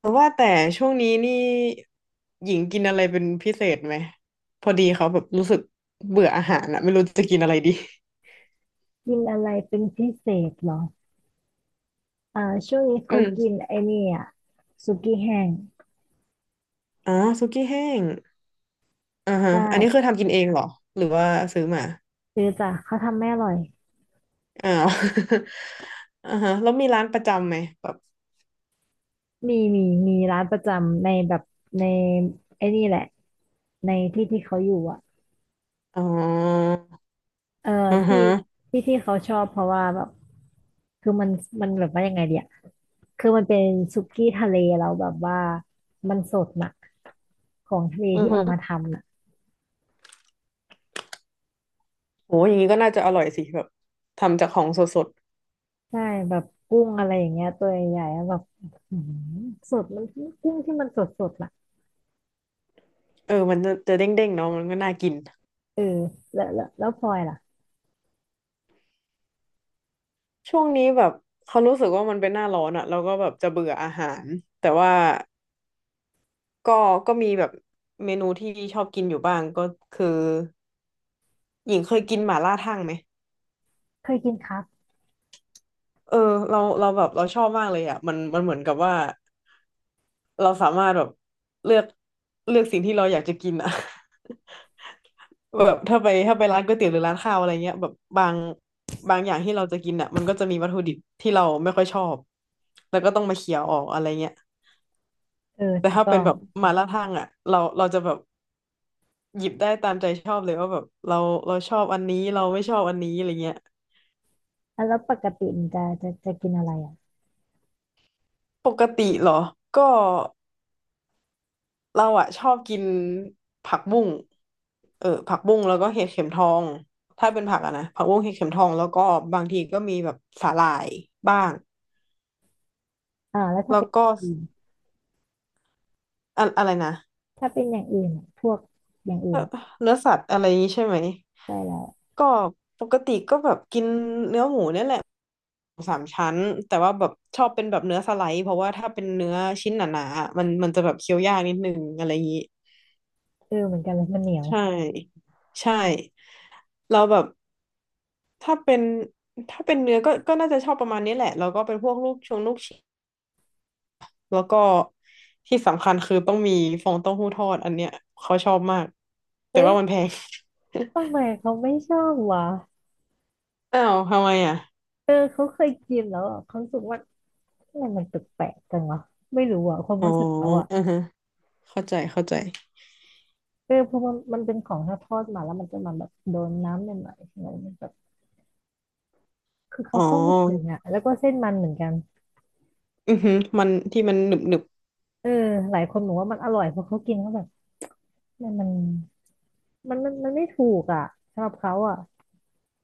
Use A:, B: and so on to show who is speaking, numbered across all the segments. A: แต่ว่าช่วงนี้นี่หญิงกินอะไรเป็นพิเศษไหมพอดีเขาแบบรู้สึกเบื่ออาหารอะไม่รู้จะกินอะไรดี
B: กินอะไรเป็นพิเศษเหรออ่าช่วงนี้
A: อื
B: เขากิน
A: ม
B: ไอ้นี่อ่ะสุกี้แห้ง
A: อ๋อสุกี้แห้งอ่าฮะ
B: ได
A: อันนี้คือ
B: ้
A: ทำกินเองเหรอหรือว่าซื้อมา
B: ซื้อจ้ะเขาทำไม่อร่อย
A: อ้าว อ่าฮะแล้วมีร้านประจำไหมแบบ
B: มีมีร้านประจำในแบบในไอ้นี่แหละในที่ที่เขาอยู่อ่ะ
A: อ๋อ
B: เออ
A: อือ
B: ที่
A: ฮะ
B: ที่เขาชอบเพราะว่าแบบคือมันแบบว่ายังไงเดียคือมันเป็นสุกี้ทะเลแล้วแบบว่ามันสดน่ะของทะเล
A: อือ
B: ที่เอามา
A: ฮะ
B: ทำน่ะ
A: โหอย่างนี้ก็น่าจะอร่อยสิแบบทำจากของสด
B: ใช่แบบกุ้งอะไรอย่างเงี้ยตัวใหญ่ๆแล้วแบบอือหือสดมันกุ้งที่มันสดสดน่ะ
A: ๆเออมันจะเด้งๆเนาะมันก็น่ากิน
B: เออแล้วพลอยล่ะ
A: ช่วงนี้แบบเขารู้สึกว่ามันเป็นหน้าร้อนอะเราก็แบบจะเบื่ออาหารแต่ว่า ก็ก็มีแบบเมนูที่ชอบกินอยู่บ้างก็คือหญิงเคยกินหม่าล่าทั่งไหม
B: เคยกินครับ
A: เออเราแบบเราชอบมากเลยอ่ะมันเหมือนกับว่าเราสามารถแบบเลือกเลือกสิ่งที่เราอยากจะกินอ่ะ แบบถ้าไปร้านก๋วยเตี๋ยวหรือร้านข้าวอะไรเงี้ยแบบบางอย่างที่เราจะกินอ่ะมันก็จะมีวัตถุดิบที่เราไม่ค่อยชอบแล้วก็ต้องมาเคี่ยวออกอะไรเงี้ย
B: เออ
A: แต่
B: ถูก
A: ถ้า
B: ต้อ
A: เป็น
B: ง
A: แบบหมาล่าทั่งอ่ะเราจะแบบหยิบได้ตามใจชอบเลยว่าแบบเราเราชอบอันนี้เราไม่ชอบอันนี้อะไรเงี้ย
B: ่แล้วปกติมันจะกินอะไรอ่ะ
A: ปกติเหรอก็เราอะชอบกินผักบุ้งเออผักบุ้งแล้วก็เห็ดเข็มทองถ้าเป็นผักอะนะผักบุ้งเห็ดเข็มทองแล้วก็บางทีก็มีแบบสาหร่ายบ้าง
B: อ่าแล้วถ้า
A: แล้ว
B: เป็นอ
A: ก็
B: ย่างอื่น
A: อะไรนะ
B: ถ้าเป็นอย่างอื่นอะพวกอย่างอื่
A: เอ่
B: น
A: อ
B: อ่ะ
A: เนื้อสัตว์อะไรนี้ใช่ไหม
B: ใช่แล้ว
A: ก็ปกติก็แบบกินเนื้อหมูเนี่ยแหละสามชั้นแต่ว่าแบบชอบเป็นแบบเนื้อสไลด์เพราะว่าถ้าเป็นเนื้อชิ้นหนาๆอะมันจะแบบเคี้ยวยากนิดนึงอะไรอย่างนี้
B: เออเหมือนกันเลยมันเหนียว
A: ใช่ใช่เราแบบถ้าเป็นถ้าเป็นเนื้อก็น่าจะชอบประมาณนี้แหละแล้วก็เป็นพวกลูกชิ้นแล้วก็ที่สำคัญคือต้องมีฟองเต้าหู้ทอดอันเนี้ยเขาชอบมากแต่
B: เอ้ย
A: ว่ามันแพง
B: ทำไมเขาไม่ชอบวะ
A: อ้าวทำไมอ่ะ
B: เออเขาเคยกินแล้วอะเขารู้สึกว่าทำไมมันแปลกๆจังวะไม่รู้อ่ะความ
A: อ๋อ
B: รู้สึกเขาอ่ะ
A: อือฮะเข้าใจเข้าใจ
B: เออเพราะมันมันเป็นของถ้าทอดมาแล้วมันจะมาแบบโดนน้ำหน่อยๆอะไรมันแบบคือเขา
A: อ๋อ
B: เข้าไม่ถึงอ่ะแล้วก็เส้นมันเหมือนกัน
A: อือฮึมันที่มันหนึบหนึบ
B: เออหลายคนบอกว่ามันอร่อยเพราะเขากินเข้าไป เนี่ยมันมันไม่ถูกอ่ะสำหรับเขาอ่ะ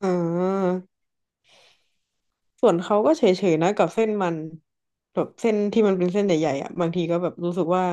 A: อ๋อ ส่วนเขาก็เฉยๆนะกับเส้นมันแบบเส้นที่มันเป็นเส้นใหญ่ๆอ่ะบางทีก็แบบรู้สึกว่า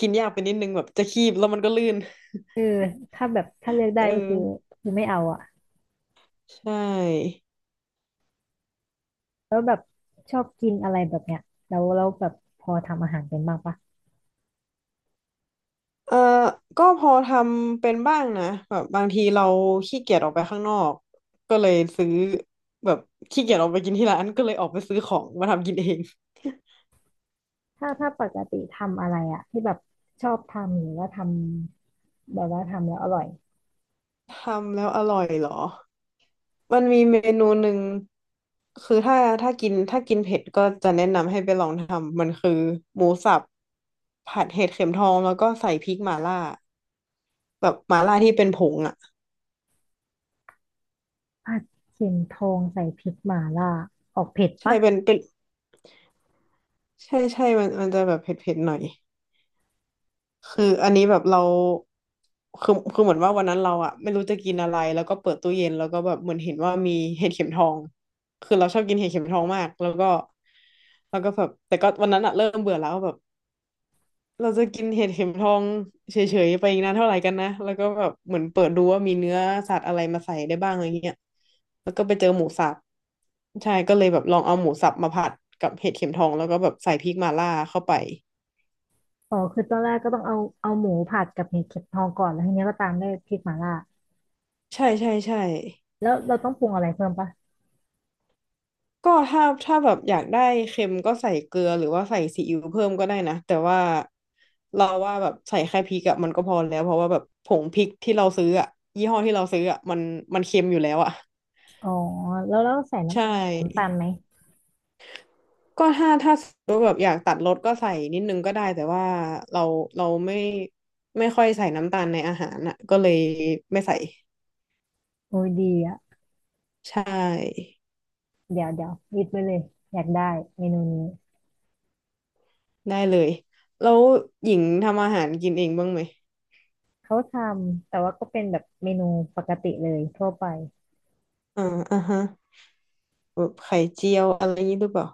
A: กินยากไปนิดนึงแบบจะคีบแล้วมันก็ลื่น
B: เออถ้าแบบถ้าเลือก ได้
A: เออ
B: ก็คือคือไม่เอาอ่ะ
A: ใช่
B: แล้วแบบชอบกินอะไรแบบเนี้ยแล้วแบบพอทำอาหารเป็นบ้างปะ
A: เออก็พอทำเป็นบ้างนะแบบบางทีเราขี้เกียจออกไปข้างนอกก็เลยซื้อแบบขี้เกียจออกไปกินที่ร้านก็เลยออกไปซื้อของมาทำกินเอง
B: ถ้าปกติทำอะไรอ่ะที่แบบชอบทำหรือว่าทำแบบว่าทำแล้วอร่อย
A: ทำแล้วอร่อยเหรอ มันมีเมนูหนึ่งคือถ้าถ้ากินเผ็ดก็จะแนะนำให้ไปลองทำมันคือหมูสับผัดเห็ดเข็มทองแล้วก็ใส่พริกหม่าล่าแบบหม่าล่าที่เป็นผงอ่ะ
B: ผัดเข็มทองใส่พริกหม่าล่าออกเผ็ด
A: ใช่
B: ปะ
A: เป็นใช่ใช่มันจะแบบเผ็ดเผ็ดหน่อยคืออันนี้แบบเราคือเหมือนว่าวันนั้นเราอะไม่รู้จะกินอะไรแล้วก็เปิดตู้เย็นแล้วก็แบบเหมือนเห็นว่ามีเห็ดเข็มทองคือเราชอบกินเห็ดเข็มทองมากแล้วก็แบบแต่ก็วันนั้นอะเริ่มเบื่อแล้วแบบ เราจะกินเห็ดเข็มทองเฉยๆไปอีกนานเท่าไหร่กันนะแล้วก็แบบเหมือนเปิดดูว่ามีเนื้อสัตว์อะไรมาใส่ได้บ้างอะไรเงี้ยแล้วก็ไปเจอหมูสับใช่ก็เลยแบบลองเอาหมูสับมาผัดกับเห็ดเข็มทองแล้วก็แบบใส่พริกมาล่าเข้าไป
B: อ๋อคือตอนแรกก็ต้องเอาหมูผัดกับเห็ดเข็มทองก่อนแล้วทีเนี้ยก็ตามด้วยพริกหม่าล่า
A: ใช่ใช่ใช่
B: แล้วเราต้องปรุงอะไรเพิ่มปะ
A: ก็ถ้าแบบอยากได้เค็มก็ใส่เกลือหรือว่าใส่ซีอิ๊วเพิ่มก็ได้นะแต่ว่าเราว่าแบบใส่แค่พริกอะมันก็พอแล้วเพราะว่าแบบผงพริกที่เราซื้ออะยี่ห้อที่เราซื้ออะมันเค็มอยู่แล้วอะ
B: อ๋อแล้วใส่น้
A: ใช
B: ำน้ำตาล
A: ่
B: ไหม
A: ก็ถ้าสมมติแบบอยากตัดรสก็ใส่นิดนึงก็ได้แต่ว่าเราเราไม่ค่อยใส่น้ำตาลในอาหารอ่ะก็เลยไม่ใส่
B: โอ้ยดีอ่ะ
A: ใช่
B: เดี๋ยวลิสต์ไว้เลย อยากได้เมนูนี้
A: ได้เลยแล้วหญิงทำอาหารกินเองบ้างไหม
B: เขาทำแต่ว่าก็เป็นแบบเมนูปกติเลยทั่วไป
A: อ่าอ่าฮะแบบไข่เจียวอะไรอย่างนี้หรือเปล่า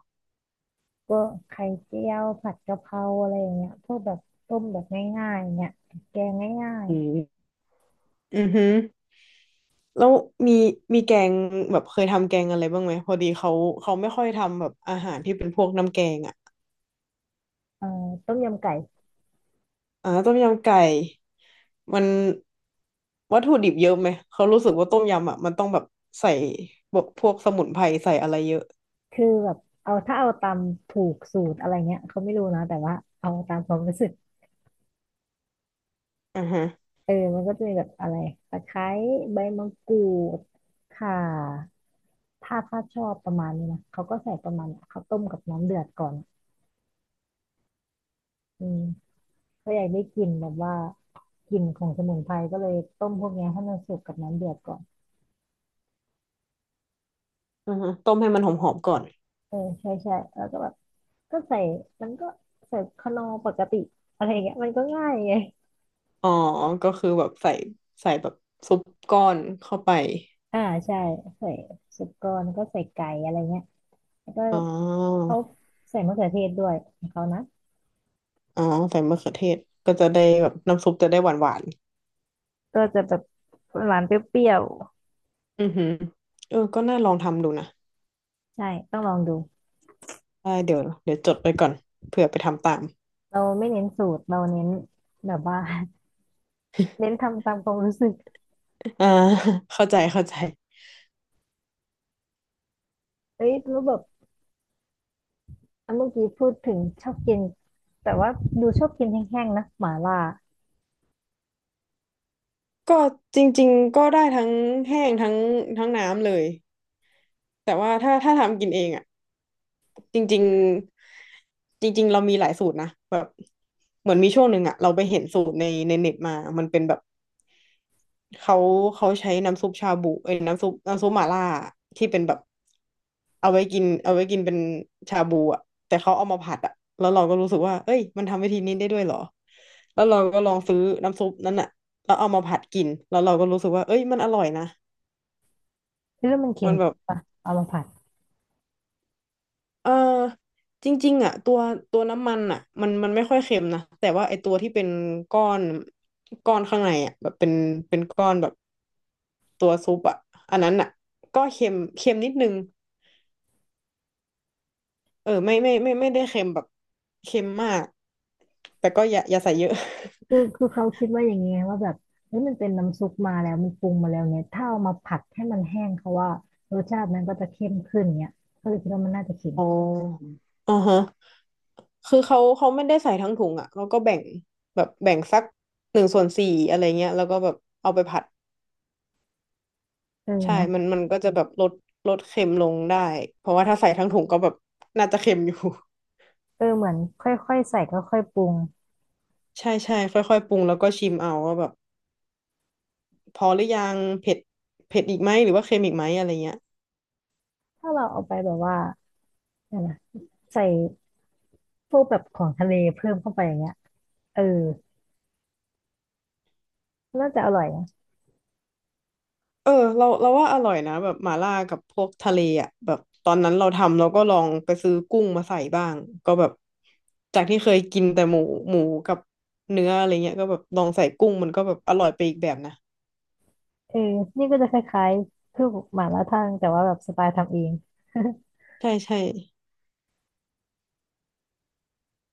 B: ก็ไข่เจียวผัดกะเพราอะไรอย่างเงี้ยพวกแบบต้มแบบง่ายๆเงี้ยแกงง่าย
A: อืมอือฮึแล้วมีมีแกงแบบเคยทำแกงอะไรบ้างไหมพอดีเขาไม่ค่อยทำแบบอาหารที่เป็นพวกน้ำแกงอ่ะ
B: ๆต้มยำไก่
A: อ่าต้มยำไก่มันวัตถุดิบเยอะไหมเขารู้สึกว่าต้มยำอ่ะมันต้องแบบใส่แบบพวกสมุนไพรใส่อะไรเยอะ
B: คือแบบเอาถ้าเอาตามถูกสูตรอะไรเงี้ยเขาไม่รู้นะแต่ว่าเอาตามความรู้สึก
A: อ่าฮะ
B: เออมันก็จะมีแบบอะไรตะไคร้ใบมะกรูดข่าถ้าชอบประมาณนี้นะเขาก็ใส่ประมาณเนี้ยเขาต้มกับน้ำเดือดก่อน อืมก็อยากได้กลิ่นแบบว่ากลิ่นของสมุนไพรก็เลยต้มพวกเนี้ยให้มันสุกกับน้ำเดือดก่อน
A: อ่าฮะต้มให้มันหอมๆก่อน
B: เออใช่ใช่แล้วก็แบบก็ใส่มันก็ใส่คานอปกติอะไรอย่างเงี้ยมันก็ง่ายไง
A: อ๋อก็คือแบบใส่แบบซุปก้อนเข้าไป
B: อ่าใช่ใส่สุกรแลก็ใส่ไก่อะไรเงี้ยแล้วก็
A: อ๋อ
B: เขาใส่มะเขือเทศด้วยของเขานะ
A: อ๋อใส่มะเขือเทศก็จะได้แบบน้ำซุปจะได้หวาน
B: ก็จะแบบหวานเปรี้ยว
A: ๆอือหือเออก็น่าลองทำดูนะ
B: ๆใช่ต้องลองดู
A: ได้เดี๋ยวจดไปก่อนเผื่อไปทำตาม
B: เราไม่เน้นสูตรเราเน้นแบบว่า เน้นทำตามความรู้สึก
A: อ่า เข้าใจเข้าใจ
B: เฮ้ยรู้แบบ เมื่อกี้พูดถึงชอบกินแต่ว่าดูชอบกินแห้งๆนะหม่าล่า
A: ก็จริงๆก็ได้ทั้งแห้งทั้งน้ำเลย แต่ว่าถ้าทำกินเองอ่ะจริงๆจริงๆเรามีหลายสูตรนะแบบเหมือนมีช่วงหนึ่งอ่ะเราไปเห็นสูตรในเน็ตมามันเป็นแบบเขาเขาใช้น้ำซุปชาบูเอ้ยน้ำซุปหม่าล่าที่เป็นแบบเอาไว้กินเป็นชาบูอ่ะแต่เขาเอามาผัดอ่ะแล้วเราก็รู้สึกว่าเอ้ยมันทำวิธีนี้ได้ด้วยเหรอแล้วเราก็ลองซื้อน้ำซุปนั้นอ่ะแล้วเอามาผัดกินแล้วเราก็รู้สึกว่าเอ้ยมันอร่อยนะ
B: คิดว่ามันเค็
A: มั
B: ม
A: นแบ
B: ขึ้
A: บ
B: นปะเอามาผัด
A: เออจริงๆอ่ะตัวน้ำมันอ่ะมันไม่ค่อยเค็มนะแต่ว่าไอตัวที่เป็นก้อนก้อนข้างในอ่ะแบบเป็นก้อนแบบตัวซุปอ่ะอันนั้นอ่ะก็เค็มเค็มนิดนึงเออไม่ไม่ไม่ไม่ได้เค็มแบบเค็มมากแต่ก็อย่าอย่าใส่เยอะ
B: คือเขาคิดว่าอย่างเงี้ยว่าแบบเฮ้ยมันเป็นน้ำซุปมาแล้วมันปรุงมาแล้วเนี่ยถ้าเอามาผัดให้มันแห้งเขาว่ารสชาติมันก็จะเข้มขึ้นเนี่ยก็เลยคิดว่ามันน่าจะเค็ม
A: อ๋ออ่าฮะคือเขาไม่ได้ใส่ทั้งถุงอ่ะเขาก็แบ่งแบบแบ่งสัก1/4อะไรเงี้ยแล้วก็แบบเอาไปผัด
B: เออ
A: ใช่
B: เนาะ
A: มันมันก็จะแบบลดเค็มลงได้เพราะว่าถ้าใส่ทั้งถุงก็แบบน่าจะเค็มอยู่
B: เออเหมือนค่อยๆใส่ค่อยๆปรุง
A: ใช่ใช่ค่อยๆปรุงแล้วก็ชิมเอาว่าแบบพอหรือยังเผ็ดเผ็ดอีกไหมหรือว่าเค็มอีกไหมอะไรเงี้ย
B: ถ้าเราเอาไปแบบว่าเนี่ยนะใส่พวกแบบของทะเลเพิ่มเข้าไปอย่างเงี้ยเออน่าจะอร่อยนะ
A: เออเราว่าอร่อยนะแบบหม่าล่ากับพวกทะเลอ่ะแบบตอนนั้นเราทำเราก็ลองไปซื้อกุ้งมาใส่บ้างก็แบบจากที่เคยกินแต่หมูกับเนื้ออะไรเงี้ยก็แบบลองใส่กุ้งมันก็แบบอร่อยไปอีกแบบนะ
B: เออนี่ก็จะคล้ายๆคือหม่าล่าทั่งแต่ว่าแบบสไตล์ทำเอง
A: ใช่ใช่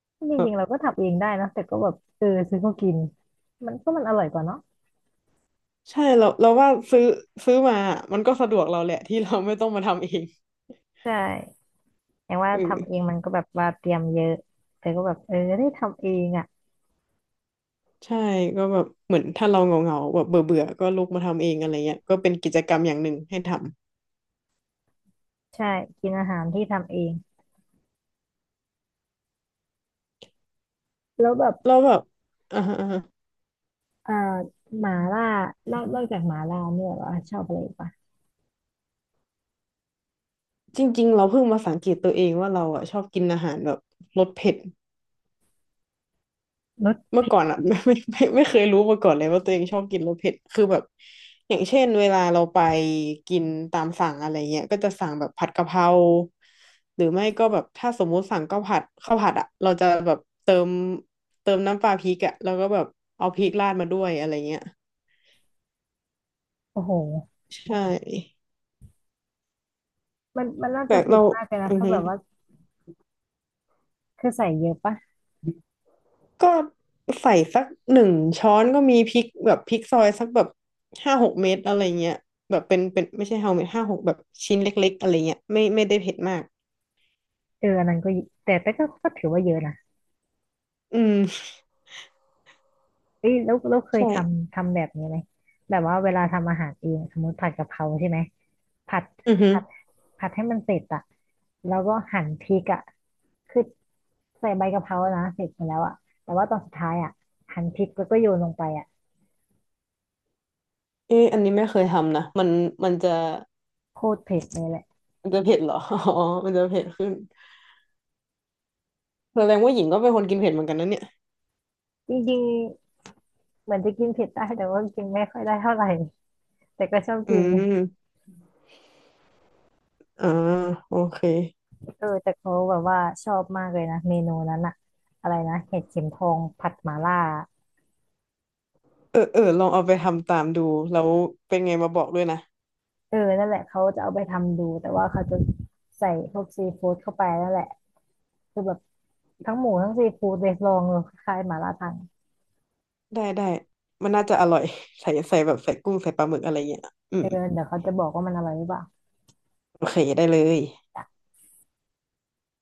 B: จ
A: แบ
B: ริ
A: บ
B: งๆเราก็ทำเองได้นะแต่ก็แบบเออซื้อมากินมันก็มันอร่อยกว่าเนาะ
A: ใช่เราว่าซื้อมา มันก็สะดวกเราแหละ ที่เราไม่ต้องมาทำเอง
B: ใช่อย่างว่า
A: เอ
B: ทำเอง
A: อ
B: มันก็แบบว่าเตรียมเยอะแต่ก็แบบเออได้ทำเองอ่ะ
A: ใช่ก็แบบเหมือนถ้าเราเหงาๆแบบเบื่อเบื่อก็ลุกมาทำเองอะไรเงี้ยก็เป็นกิจกรรมอย่างหนึ่งให้ท
B: ใช่กินอาหารที่ทำเองแล้วแบบ
A: ำเราแบบอ่าฮะอ่าฮะ
B: อ่าหม่า
A: อื
B: ล่า
A: ม
B: นอกจากหม่าล่าเนี่ยเหราชอบอะไรอีกปะ
A: จริงๆเราเพิ่งมาสังเกตตัวเองว่าเราอ่ะชอบกินอาหารแบบรสเผ็ด
B: รส
A: เมื่อ
B: เผ็
A: ก่อ
B: ด
A: นอ่ะ ไม่ไม่ไม่ไม่เคยรู้มาก่อนเลยว่าตัวเองชอบกินรสเผ็ดคือแบบอย่างเช่นเวลาเราไปกินตามสั่งอะไรเงี้ยก็จะสั่งแบบผัดกะเพราหรือไม่ก็แบบถ้าสมมุติสั่งข้าวผัดข้าวผัดอ่ะเราจะแบบเติมน้ำปลาพริกอ่ะแล้วก็แบบเอาพริกราดมาด้วยอะไรเงี้ย
B: โอ้โห
A: ใช่
B: มันมันน่าจะ
A: แต่
B: เผ็
A: เรา
B: ดมากเลยนะ
A: อือ
B: ถ้า
A: ฮึ
B: แบบว่าคือใส่เยอะปะ
A: ก็ใส่สักหนึ่งช้อนก็มีพริกแบบพริกซอยสักแบบ5-6 เม็ดอะไรเงี้ยแบบเป็นไม่ใช่5 เม็ดห้าหกแบบชิ้นเล็กๆอะไรเงี้ยไม่ไม่ได้เผ็ดมาก
B: เอออันนั้นก็เยแต่แต่ก็ก็ถือว่าเยอะนะ
A: อืม
B: เอ้ยแล้วเราเคยท
A: ใช่
B: ำทำแบบนี้ไหมแบบว่าเวลาทำอาหารเองสมมติผัดกะเพราใช่ไหมผัด
A: อือฮึ
B: ผัดผัดให้มันเสร็จอะแล้วก็หั่นพริกอะคือใส่ใบกะเพรานะเสร็จไปแล้วอะแต่ว่าตอนสุดท้ายอะหั่นพริกแล้วก็โยนลงไปอะ
A: เอ๊อันนี้ไม่เคยทำนะมันจะ
B: โคตรเผ็ดเลยแหละ
A: มันจะเผ็ดเหรอ อ๋อมันจะเผ็ดขึ้นแสดงว่าหญิงก็เป็นคนกินเผ็ดเหมือนกันนะเนี่ย
B: จริงๆเหมือนจะกินเผ็ดได้แต่ว่ากินไม่ค่อยได้เท่าไหร่แต่ก็ชอบ
A: อื
B: กิน
A: มอ่าโอเค
B: เออแต่เขาแบบว่าชอบมากเลยนะเมนูนั้นอะอะไรนะเห็ดเข็มทองผัดหม่าล่า
A: เออเออลองเอาไปทำตามดูแล้วเป็นไงมาบอกด้วยนะ
B: เออนั่นแหละเขาจะเอาไปทำดูแต่ว่าเขาจะใส่พวกซีฟู้ดเข้าไปนั่นแหละคือแบบทั้งหมูทั้งซีฟู้ดเลยลองเลยคล้ายๆหม่าล่าทัง
A: ได้ได้มันน่าจะอร่อยใส่แบบใส่กุ้งใส่ปลาหมึกอะไรเงี้ยอื
B: เออ
A: ม
B: เดี๋ยวเขาจะบอกว่ามันอร่อยหรือเปล่า
A: โอเคได้เลย